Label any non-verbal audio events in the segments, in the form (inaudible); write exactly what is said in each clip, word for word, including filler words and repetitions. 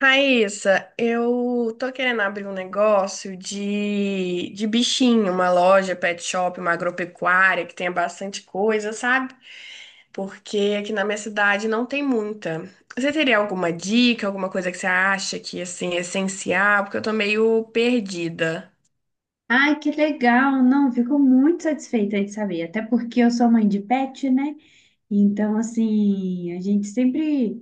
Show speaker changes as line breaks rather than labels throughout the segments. Raíssa, eu tô querendo abrir um negócio de, de bichinho, uma loja, pet shop, uma agropecuária que tenha bastante coisa, sabe? Porque aqui na minha cidade não tem muita. Você teria alguma dica, alguma coisa que você acha que assim é essencial? Porque eu tô meio perdida.
Ai, que legal! Não, fico muito satisfeita de saber, até porque eu sou mãe de pet, né? Então, assim, a gente sempre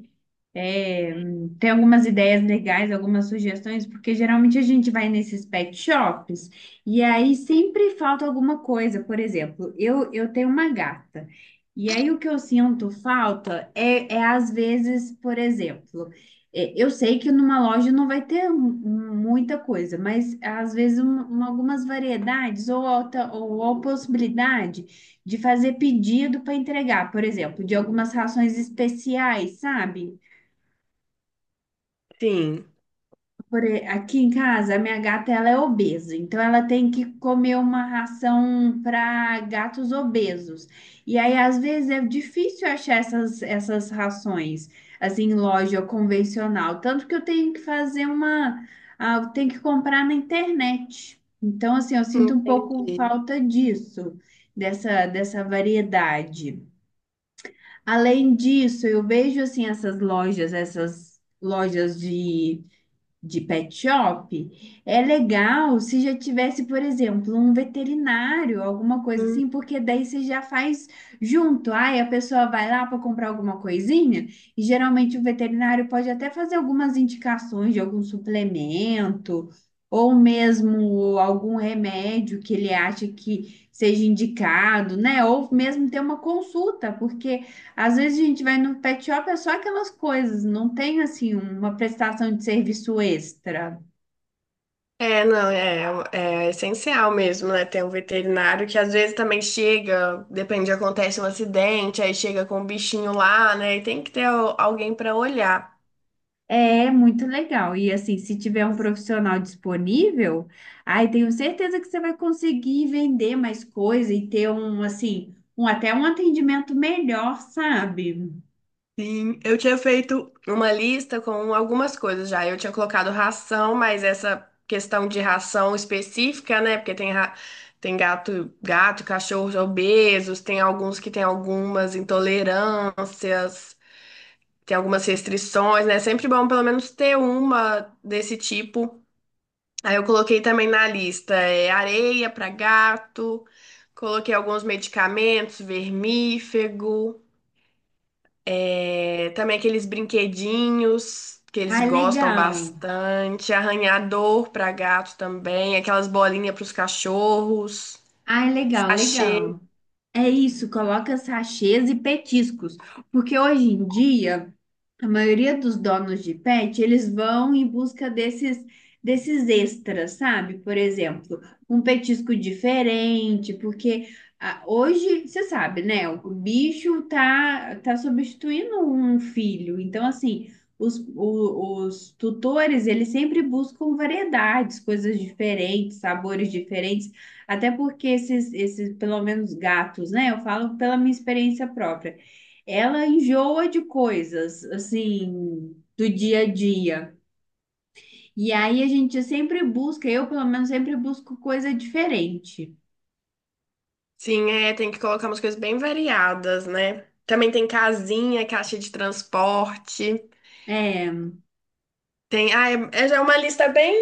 é, tem algumas ideias legais, algumas sugestões, porque geralmente a gente vai nesses pet shops e aí sempre falta alguma coisa. Por exemplo, eu, eu tenho uma gata. E aí o que eu sinto falta é, é às vezes. Por exemplo, é, eu sei que numa loja não vai ter mu- muita coisa, mas às vezes um- um- algumas variedades ou alta, ou a possibilidade de fazer pedido para entregar, por exemplo, de algumas rações especiais, sabe?
Sim.
Por e- aqui em casa, a minha gata ela é obesa, então ela tem que comer uma ração para gatos obesos. E aí, às vezes, é difícil achar essas, essas rações assim, em loja convencional. Tanto que eu tenho que fazer uma. Ah, eu tenho que comprar na internet. Então, assim, eu sinto um pouco
Entendi.
falta disso, dessa, dessa variedade. Além disso, eu vejo assim essas lojas, essas lojas de de pet shop. É legal se já tivesse, por exemplo, um veterinário, alguma coisa assim, porque daí você já faz junto. Aí a pessoa vai lá para comprar alguma coisinha, e geralmente o veterinário pode até fazer algumas indicações de algum suplemento, ou mesmo algum remédio que ele acha que seja indicado, né? Ou mesmo ter uma consulta, porque às vezes a gente vai no pet shop, é só aquelas coisas, não tem assim uma prestação de serviço extra.
É, não, é, é essencial mesmo, né? Ter um veterinário que às vezes também chega, depende, acontece um acidente, aí chega com o bichinho lá, né? E tem que ter al- alguém para olhar.
É muito legal. E assim, se tiver um profissional disponível, aí tenho certeza que você vai conseguir vender mais coisa e ter um assim, um até um atendimento melhor, sabe?
Sim, eu tinha feito uma lista com algumas coisas já. Eu tinha colocado ração, mas essa questão de ração específica, né? Porque tem, ra- tem gato, gato, cachorros obesos, tem alguns que têm algumas intolerâncias. Tem algumas restrições, né? É sempre bom pelo menos ter uma desse tipo. Aí eu coloquei também na lista é, areia para gato, coloquei alguns medicamentos, vermífugo, é, também aqueles brinquedinhos que eles
Ai,
gostam
legal.
bastante, arranhador para gato também, aquelas bolinhas para os cachorros,
Ai, legal,
sachê.
legal. É isso, coloca sachês e petiscos, porque hoje em dia a maioria dos donos de pet, eles vão em busca desses desses extras, sabe? Por exemplo, um petisco diferente, porque ah, hoje, você sabe, né? O bicho tá tá substituindo um filho. Então, assim, os, o- os tutores, eles sempre buscam variedades, coisas diferentes, sabores diferentes, até porque esses, esses, pelo menos gatos, né? Eu falo pela minha experiência própria. Ela enjoa de coisas, assim, do dia a dia. E aí a gente sempre busca, eu pelo menos sempre busco coisa diferente.
Sim, é, tem que colocar umas coisas bem variadas, né? Também tem casinha, caixa de transporte.
É,
Tem, ah, é, é já é uma lista bem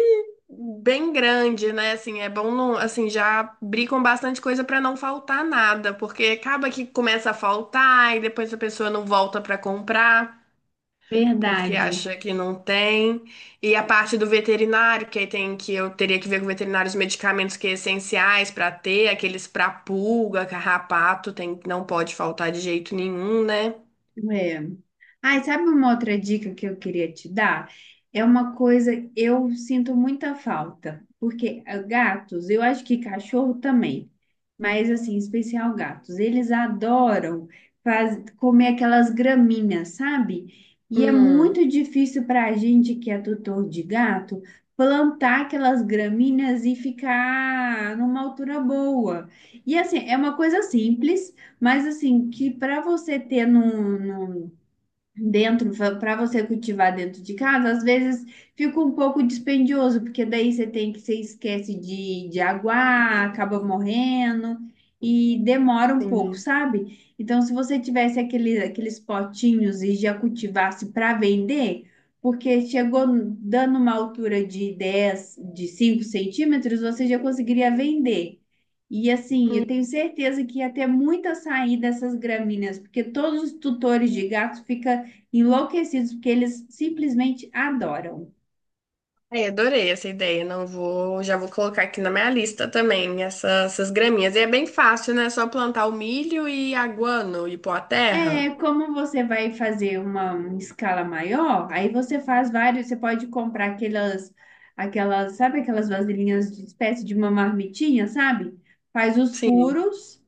bem grande, né? Assim, é bom não, assim, já abrir com bastante coisa para não faltar nada, porque acaba que começa a faltar e depois a pessoa não volta para comprar. Porque
verdade.
acha que não tem. E a parte do veterinário, que aí tem que eu teria que ver com o veterinário os medicamentos que é essenciais para ter, aqueles para pulga, carrapato, tem, não pode faltar de jeito nenhum, né?
É. Ai, sabe uma outra dica que eu queria te dar? É uma coisa, eu sinto muita falta, porque ah, gatos, eu acho que cachorro também, mas assim, em especial gatos, eles adoram faz- comer aquelas graminhas, sabe? E é
Hum,
muito difícil para a gente que é tutor de gato plantar aquelas graminhas e ficar numa altura boa. E assim, é uma coisa simples. Mas assim, que para você ter dentro, para você cultivar dentro de casa, às vezes fica um pouco dispendioso, porque daí você tem que, você esquece de, de aguar, acaba morrendo e demora um pouco,
sim.
sabe? Então, se você tivesse aquele, aqueles potinhos e já cultivasse para vender, porque chegou dando uma altura de dez de cinco centímetros, você já conseguiria vender. E assim, eu tenho certeza que ia ter muita saída dessas gramíneas, porque todos os tutores de gatos ficam enlouquecidos, porque eles simplesmente adoram.
Ai, adorei essa ideia. Não vou, já vou colocar aqui na minha lista também essa- essas graminhas. E é bem fácil, né? É só plantar o milho e a guano e pôr a
É,
terra.
como você vai fazer uma escala maior, aí você faz vários, você pode comprar aquelas, aquelas, sabe aquelas vasilhinhas de espécie de uma marmitinha, sabe? Faz os
Sim.
furos.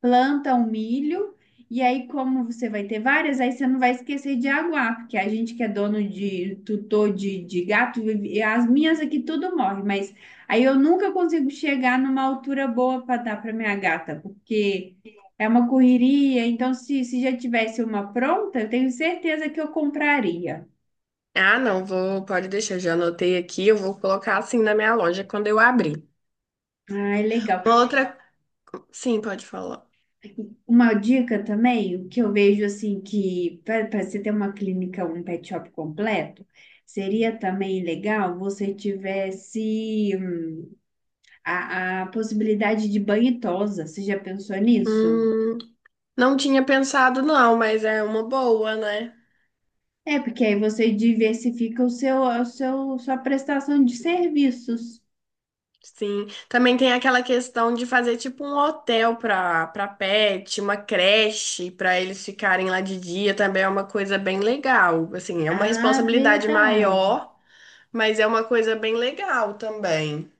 Planta o milho, e aí, como você vai ter várias, aí você não vai esquecer de aguar, porque a gente que é dono de tutor de, de gato, e as minhas aqui tudo morre, mas aí eu nunca consigo chegar numa altura boa para dar para minha gata, porque é uma correria. Então se, se já tivesse uma pronta, eu tenho certeza que eu compraria.
Ah, não, vou, pode deixar, já anotei aqui. Eu vou colocar assim na minha loja quando eu abrir.
Ah, é legal.
Uma outra, sim, pode falar.
Uma dica também, o que eu vejo assim que para você ter uma clínica, um pet shop completo, seria também legal você tivesse hum, a, a possibilidade de banho e tosa. Você já pensou nisso?
Hum, não tinha pensado não, mas é uma boa, né?
É, porque aí você diversifica o seu, o seu, sua prestação de serviços.
Sim, também tem aquela questão de fazer tipo um hotel para para pet, uma creche para eles ficarem lá de dia, também é uma coisa bem legal. Assim, é uma
Ah,
responsabilidade
verdade.
maior, mas é uma coisa bem legal também.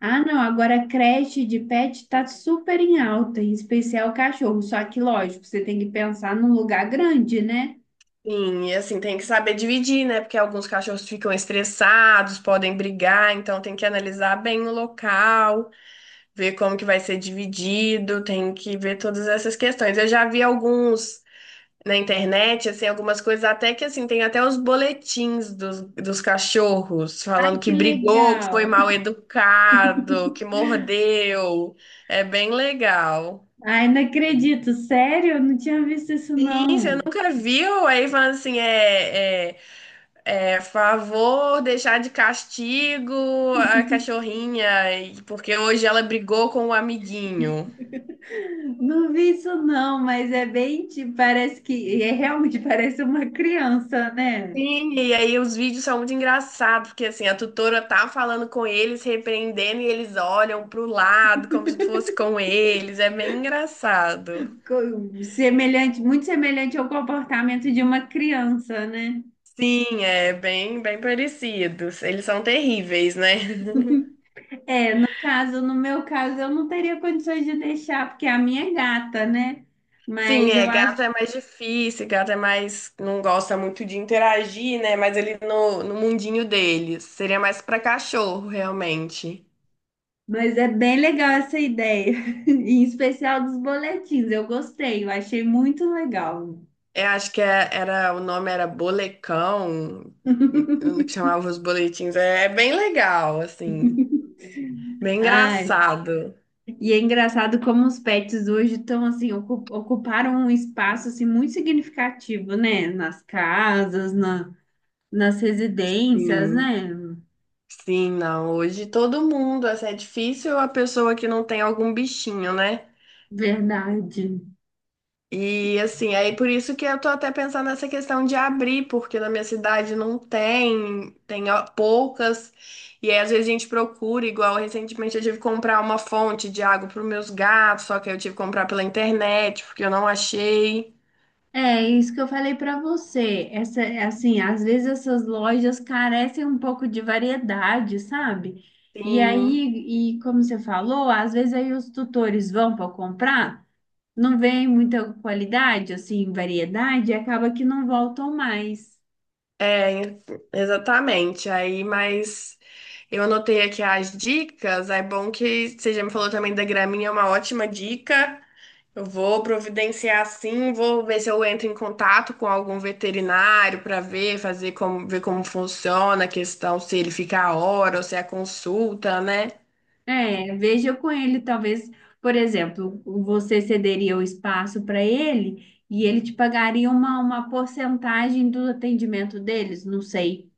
Ah, não, agora a creche de pet está super em alta, em especial cachorro. Só que, lógico, você tem que pensar num lugar grande, né?
Sim, e assim, tem que saber dividir, né? Porque alguns cachorros ficam estressados, podem brigar, então tem que analisar bem o local, ver como que vai ser dividido, tem que ver todas essas questões. Eu já vi alguns na internet, assim, algumas coisas, até que, assim, tem até os boletins dos, dos cachorros, falando que
Que
brigou, que foi
legal!
mal educado, que mordeu. É bem legal.
Ai, não acredito, sério? Eu não tinha visto isso,
Sim, você
não.
nunca viu? Aí falando assim, é, é, é favor deixar de castigo a cachorrinha, e- porque hoje ela brigou com o amiguinho.
Não vi isso, não, mas é bem, tipo, parece que, é realmente (laughs) parece uma criança, né?
Sim, e aí os vídeos são muito engraçados, porque assim, a tutora tá falando com eles, repreendendo, e eles olham pro lado como se fosse com eles. É bem engraçado.
Co- Semelhante, muito semelhante ao comportamento de uma criança, né?
Sim, é bem, bem parecidos. Eles são terríveis, né?
No caso, no meu caso, eu não teria condições de deixar, porque é a minha é gata, né?
(laughs) Sim,
Mas
é,
eu
gato
acho,
é mais difícil, gato é mais, não gosta muito de interagir, né? Mas ele no, no mundinho deles. Seria mais pra cachorro, realmente.
mas é bem legal essa ideia, (laughs) em especial dos boletins. Eu gostei, eu achei muito legal.
Eu acho que é- era, o nome era Bolecão, no que chamava os boletins. É, é bem legal, assim, bem
Ai.
engraçado.
E é engraçado como os pets hoje estão assim, ocu- ocuparam um espaço assim muito significativo, né? Nas casas, na, nas residências,
Sim,
né?
sim, não. Hoje todo mundo, assim, é difícil a pessoa que não tem algum bichinho, né?
Verdade.
E assim, aí por isso que eu tô até pensando nessa questão de abrir, porque na minha cidade não tem, tem ó, poucas, e aí às vezes a gente procura, igual recentemente eu tive que comprar uma fonte de água para os meus gatos, só que aí eu tive que comprar pela internet, porque eu não achei.
É isso que eu falei para você. Essa, assim, às vezes essas lojas carecem um pouco de variedade, sabe? E
Sim.
aí, e como você falou, às vezes aí os tutores vão para comprar, não vem muita qualidade, assim, variedade, e acaba que não voltam mais.
É, exatamente. Aí, mas eu anotei aqui as dicas. É bom que você já me falou também da graminha, é uma ótima dica. Eu vou providenciar sim, vou ver se eu entro em contato com algum veterinário para ver, fazer como, ver como funciona a questão, se ele fica a hora ou se é a consulta, né?
É, veja com ele, talvez, por exemplo, você cederia o espaço para ele e ele te pagaria uma, uma porcentagem do atendimento deles, não sei.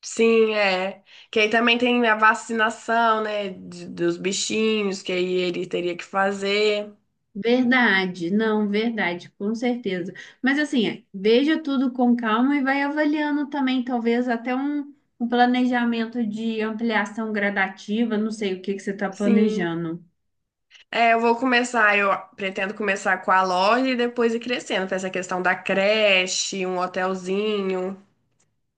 Sim, é. Que aí também tem a vacinação, né, de- dos bichinhos, que aí ele teria que fazer.
Verdade, não, verdade, com certeza. Mas assim, é, veja tudo com calma e vai avaliando também, talvez até um, um planejamento de ampliação gradativa, não sei o que que você está
Sim.
planejando.
É, eu vou começar, eu pretendo começar com a loja e depois ir crescendo para essa questão da creche, um hotelzinho.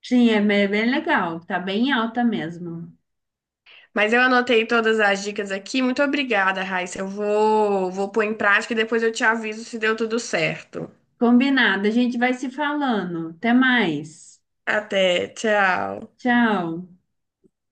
Sim, é bem bem legal, tá bem alta mesmo.
Mas eu anotei todas as dicas aqui. Muito obrigada, Raíssa. Eu vou, vou pôr em prática e depois eu te aviso se deu tudo certo.
Combinado, a gente vai se falando. Até mais.
Até, tchau.
Tchau.